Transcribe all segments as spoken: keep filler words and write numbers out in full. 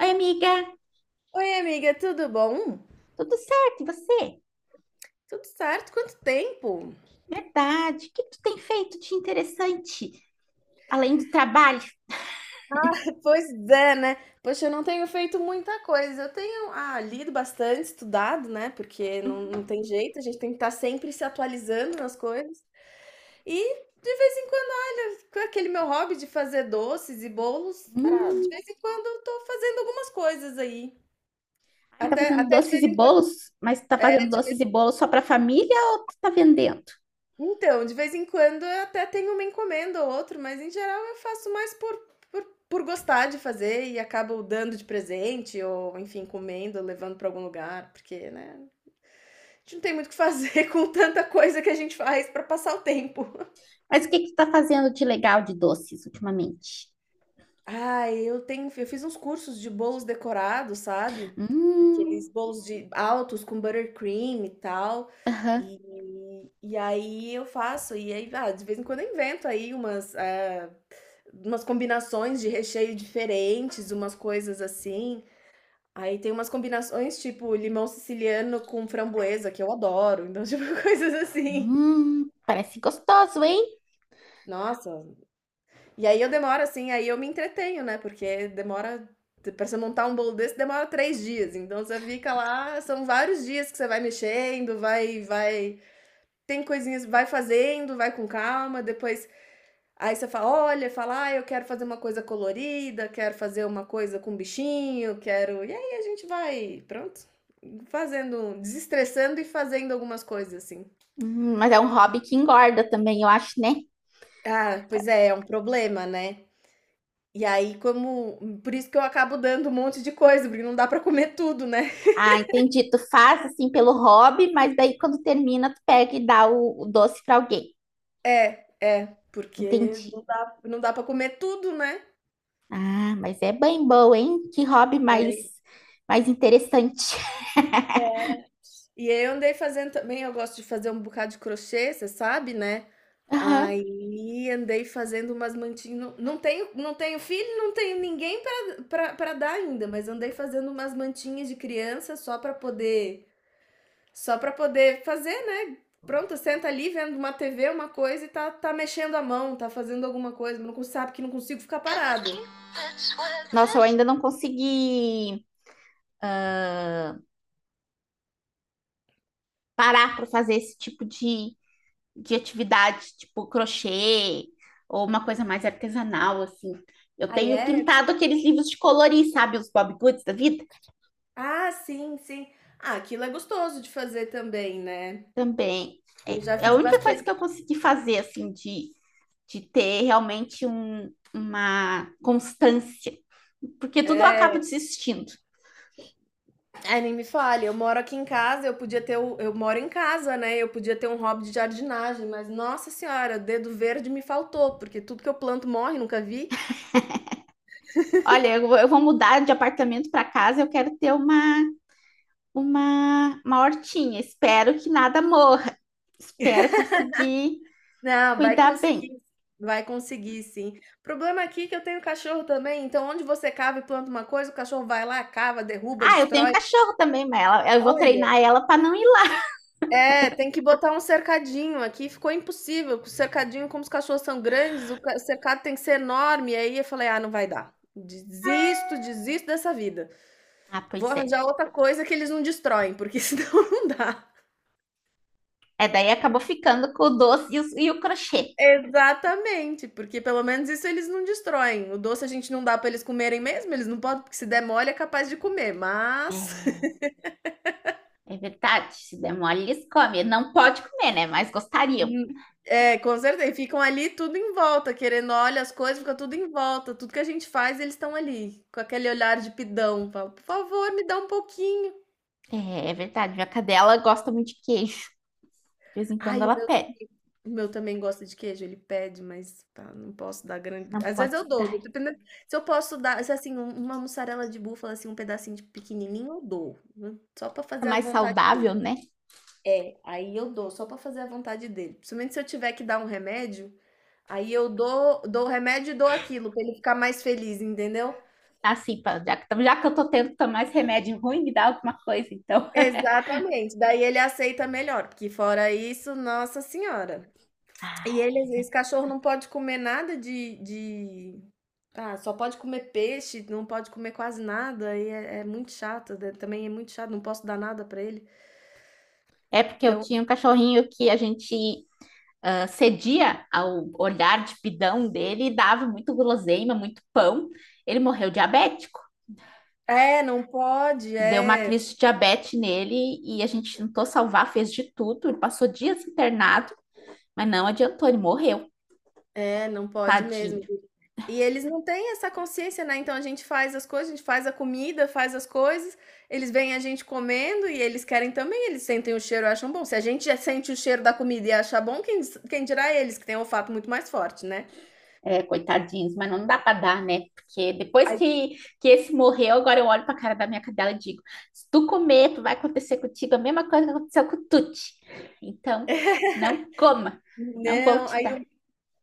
Oi, amiga, Oi, amiga, tudo bom? tudo certo? E você? Tudo certo? Quanto tempo? Verdade. O que tu tem feito de interessante além do trabalho? Pois é, né? Poxa, eu não tenho feito muita coisa. Eu tenho, ah, lido bastante, estudado, né? Porque não, não tem jeito, a gente tem que estar sempre se atualizando nas coisas. E de vez em quando, olha, com aquele meu hobby de fazer doces e bolos, pra, de Hum, vez em quando eu tô fazendo algumas coisas aí. ai, tá Até, fazendo até de doces e vez em quando, bolos, mas tá é, fazendo de doces e bolos só pra família ou tu tá vendendo? Então, de vez em quando eu até tenho uma encomenda ou outra, mas em geral eu faço mais por, por, por gostar de fazer e acabo dando de presente ou, enfim, comendo, levando para algum lugar, porque, né, a gente não tem muito o que fazer com tanta coisa que a gente faz para passar o tempo. Mas o que que tu tá fazendo de legal de doces ultimamente? Ah, eu tenho, eu fiz uns cursos de bolos decorados, sabe? Hum, Aqueles bolos de altos com buttercream e tal. aham. E, e aí eu faço, e aí, ah, de vez em quando eu invento aí umas. eh, umas combinações de recheio diferentes, umas coisas assim. Aí tem umas combinações tipo limão siciliano com framboesa, que eu adoro. Então, tipo, coisas assim. Hum, parece gostoso, hein? Nossa. E aí eu demoro assim, aí eu me entretenho, né? Porque demora. Pra você montar um bolo desse demora três dias. Então você fica lá, são vários dias que você vai mexendo, vai, vai. Tem coisinhas, vai fazendo, vai com calma, depois aí você fala, olha, fala, ah, eu quero fazer uma coisa colorida, quero fazer uma coisa com bichinho, quero. E aí a gente vai, pronto, fazendo, desestressando e fazendo algumas coisas assim. Hum, mas é um hobby que engorda também, eu acho, né? Ah, pois é, é um problema, né? E aí, como. Por isso que eu acabo dando um monte de coisa, porque não dá pra comer tudo, né? Ah, entendi. Tu faz assim pelo hobby, mas daí quando termina, tu pega e dá o, o doce para alguém. É, é, porque Entendi. não dá, não dá para comer tudo, né? Ah, mas é bem bom, hein? Que hobby mais, Aí- mais interessante. E aí eu andei fazendo também, eu gosto de fazer um bocado de crochê, você sabe, né? Aham. Aí andei fazendo umas mantinhas, não não tenho não tenho filho, não tenho ninguém para pra pra dar ainda, mas andei fazendo umas mantinhas de criança só para poder só para poder fazer, né, pronto, senta ali vendo uma T V, uma coisa e tá tá mexendo a mão, tá fazendo alguma coisa, mas não con- sabe que não consigo ficar parada. Nossa, eu ainda não consegui parar para fazer esse tipo de, de atividade, tipo crochê ou uma coisa mais artesanal, assim. Eu Aí tenho é? pintado aqueles livros de colorir, sabe? Os Bob Goods da vida. Ah, sim, sim. Ah, aquilo é gostoso de fazer também, né. Também. É, Eu já é a fiz única coisa bastante. que eu consegui fazer, assim, de, de ter realmente um- uma constância. Porque tudo eu É. acabo desistindo. Ai, nem me fale, eu moro aqui em casa, eu podia ter o eu moro em casa, né, eu podia ter um hobby de jardinagem, mas nossa senhora, dedo verde me faltou, porque tudo que eu planto morre, nunca vi. Olha, eu, vou- eu vou mudar de apartamento para casa, eu quero ter uma, uma, uma hortinha. Espero que nada morra. Espero conseguir Não, vai cuidar bem. conseguir, vai conseguir sim. O problema aqui é que eu tenho cachorro também, então onde você cava e planta uma coisa, o cachorro vai lá, cava, derruba, Ah, eu tenho destrói. cachorro também, mas ela, eu vou Olha, treinar ela para não ir lá. é, tem que botar um cercadinho aqui, ficou impossível, o cercadinho, como os cachorros são grandes, o ca- o cercado tem que ser enorme, e aí eu falei, ah, não vai dar. Desisto, desisto dessa vida. Ah, Vou pois é. arranjar outra coisa que eles não destroem, porque senão não dá. É, daí acabou ficando com o doce e o, e o crochê. Exatamente, porque pelo menos isso eles não destroem. O doce a gente não dá pra eles comerem mesmo, eles não podem, porque se der mole é capaz de comer, mas É, é verdade, se der mole, eles comem. Não pode comer, né? Mas gostariam. hum, é, com certeza, e ficam ali tudo em volta, querendo olha as coisas, fica tudo em volta, tudo que a gente faz, eles estão ali, com aquele olhar de pidão, fala: "Por favor, me dá um pouquinho". É, é verdade, minha cadela gosta muito de queijo. De vez em quando Ai, o ela meu pede. também o meu também gosta de queijo, ele pede, mas pá, não posso dar grande Não às vezes pode eu dou, dar. dependendo se eu posso dar se, assim, um uma mussarela de búfala, assim, um pedacinho de pequenininho eu dou, hum, só pra É fazer a mais vontade saudável, dele. né? É, aí eu dou só pra fazer a vontade dele, principalmente se eu tiver que dar um remédio, aí eu dou dou o remédio e dou aquilo pra ele ficar mais feliz, entendeu? Assim, pra- já que, já que eu tô tendo que tomar esse remédio ruim, me dá alguma coisa, então. Exatamente, daí ele aceita melhor, porque fora isso, nossa senhora. E Ai, é eles esse verdade. cachorro não pode comer nada de de ah, só pode comer peixe, não pode comer quase nada, e é é muito chato, da também é muito chato, não posso dar nada pra ele. É porque eu Então tinha um cachorrinho que a gente ah, cedia ao olhar de pidão dele e dava muito guloseima, muito pão. Ele morreu de diabetes. é, não pode, Deu uma é, crise de diabetes nele e a gente tentou salvar, fez de tudo, ele passou dias internado, mas não adiantou, ele morreu, é, não pode mesmo. tadinho. E eles não têm essa consciência, né, então a gente faz as coisas, a gente faz a comida, faz as coisas, eles veem a gente comendo e eles querem também, eles sentem o cheiro e acham bom. Se a gente já sente o cheiro da comida e acha bom, quem quem dirá eles, que têm olfato muito mais forte, né. É, coitadinhos, mas não dá para dar, né? Porque depois Aí que, que esse morreu, agora eu olho para a cara da minha cadela e digo: se tu comer, tu vai acontecer contigo a mesma coisa que aconteceu com o Tuti. Então, não coma, não vou Não, te aí dar. o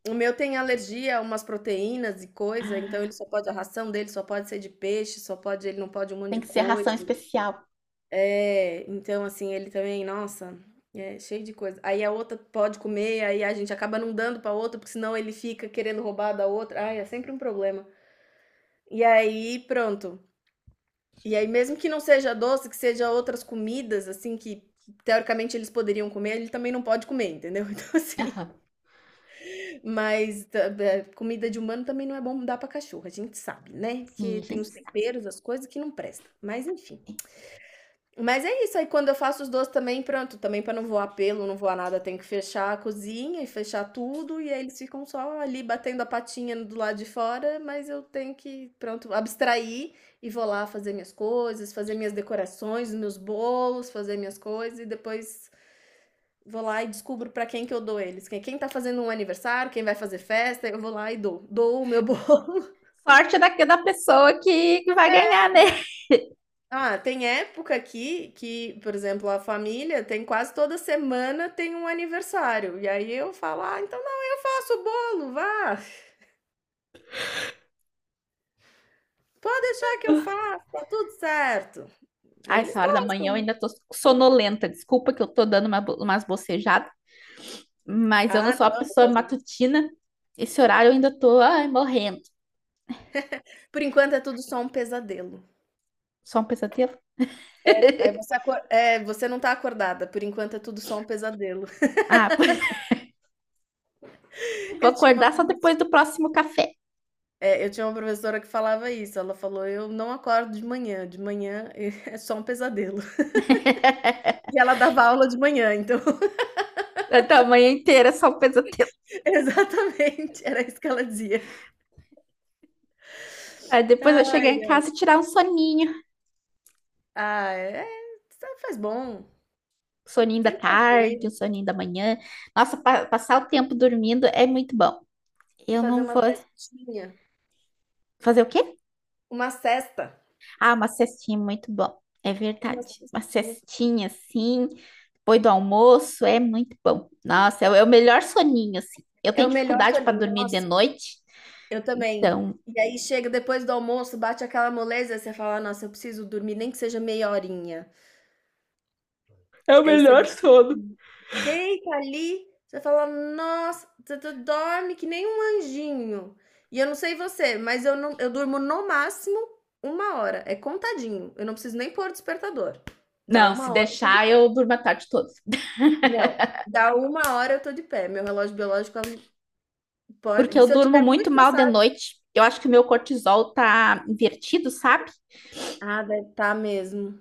o meu tem alergia a umas proteínas e coisa, então ele só pode a ração dele só pode ser de peixe, só pode ele não pode um monte Tem de que ser ração coisa. especial. É, então assim, ele também, nossa, é cheio de coisa. Aí a outra pode comer, aí a gente acaba não dando pra outra, porque senão ele fica querendo roubar da outra. Ai, é sempre um problema. E aí, pronto. E aí mesmo que não seja doce, que seja outras comidas assim que teoricamente eles poderiam comer, ele também não pode comer, entendeu? Então assim, Aham. mas ta eh, comida de humano também não é bom dar pra cachorro, a gente sabe, né, Sim, porque a tem gente os sabe. temperos, as coisas que não presta, mas enfim. Mas é isso, aí quando eu faço os doces também, pronto, também pra não voar pelo, não voar nada, tenho que fechar a cozinha e fechar tudo, e aí eles ficam só ali batendo a patinha do lado de fora, mas eu tenho que, pronto, abstrair e vou lá fazer minhas coisas, fazer minhas decorações, meus bolos, fazer minhas coisas e depois vou lá e descubro pra quem que eu dou eles. Quem, quem tá fazendo um aniversário, quem vai fazer festa, eu vou lá e dou. Dou o meu bolo. Sorte daqui da pessoa que, que vai ganhar, né? Ah, tem época aqui que, por exemplo, a família tem quase toda semana tem um aniversário. E aí eu falo, ah, então não, eu faço o bolo, vá. Pode deixar que eu faço, tá tudo certo. Ah, Eles essa hora da manhã gostam, eu né? ainda tô sonolenta. Desculpa que eu tô dando uma, bo- umas bocejadas, mas eu não Ah, sou a não, não pessoa faz muito. matutina. Esse horário eu ainda tô, ai, morrendo. Por enquanto é tudo só um pesadelo. Só um pesadelo? É, você, acor- é, você não tá acordada. Por enquanto é tudo só um pesadelo. Ah, vou Eu tinha uma acordar só depois professora. do próximo café. É, eu tinha uma professora que falava isso, ela falou: "Eu não acordo de manhã, de manhã é só um pesadelo". E ela dava aula de manhã, então Então, a manhã inteira é só um pesadelo. exatamente, era isso que ela dizia. Aí depois eu chegar Ai, em ai. casa e tirar um soninho. Ah, é, sempre faz bom, Soninho da sempre faz tarde, um bem, soninho da manhã. Nossa, pa- passar o tempo dormindo é muito bom. Eu fazer não uma vou cestinha, fazer o quê? uma cesta, Ah, uma cestinha muito bom. É uma verdade. Uma cestinha, cestinha assim. Depois do almoço é muito bom. Nossa, é o é o melhor soninho, assim. Eu é tenho o melhor dificuldade para soninho, dormir de nossa, noite, eu também. então E aí chega depois do almoço, bate aquela moleza, você fala: "Nossa, eu preciso dormir nem que seja meia horinha". é o Aí melhor você sono. deita ali, você fala: "Nossa", você tu dorme que nem um anjinho. E eu não sei você, mas eu não eu durmo no máximo uma hora, é contadinho, eu não preciso nem pôr despertador. Dá Não, se uma hora eu tô de deixar, pé. eu durmo a tarde toda. Não, dá uma hora eu tô de pé, meu relógio biológico ele Porque pode eu se eu durmo tiver muito muito mal de cansada noite. Eu acho que o meu cortisol tá invertido, sabe? ah, deve tá mesmo.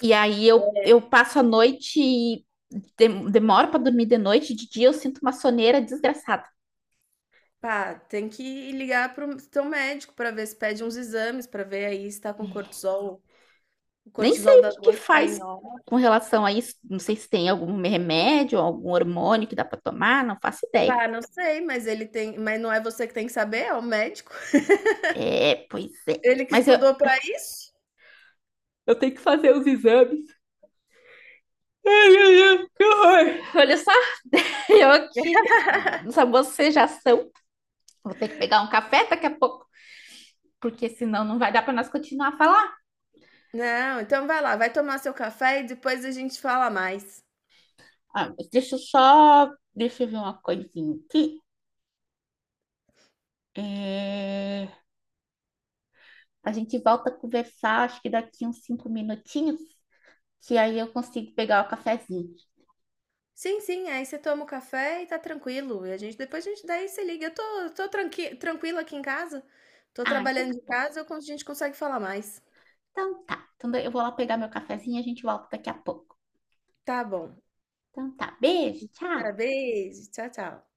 E aí eu, eu passo a noite e dem- demoro para dormir de noite. De dia eu sinto uma soneira desgraçada. Pá, tem que ligar para o teu médico pra ver se pede uns exames, pra ver aí se tá com cortisol o Nem cortisol sei o das que que oito tá faz em ó. com relação a isso. Não sei se tem algum remédio, algum hormônio que dá para tomar, não faço ideia. Pá, não sei, mas ele tem mas não é você que tem que saber, é o médico. É, pois é. Ele que Mas eu, estudou pra isso. eu tenho que fazer os exames. Ai, ai, ai, que horror. Olha só, eu aqui nessa bocejação. Vou ter que pegar um café daqui a pouco, porque senão não vai dar para nós continuar a falar. Não, então vai lá, vai tomar seu café e depois a gente fala mais. Ah, mas deixa eu só. Deixa eu ver uma coisinha aqui. É, a gente volta a conversar, acho que daqui uns cinco minutinhos, que aí eu consigo pegar o cafezinho. Sim, sim, aí você toma o café e tá tranquilo. E a gente depois a gente daí você liga. Eu tô tô tranqui tranquila aqui em casa, tô Ah, então trabalhando tá de bom. casa, eu con a gente consegue falar mais. Então tá. Então eu vou lá pegar meu cafezinho e a gente volta daqui a pouco. Tá bom. Então tá. Beijo, tchau. Tá, beijo, tchau, tchau.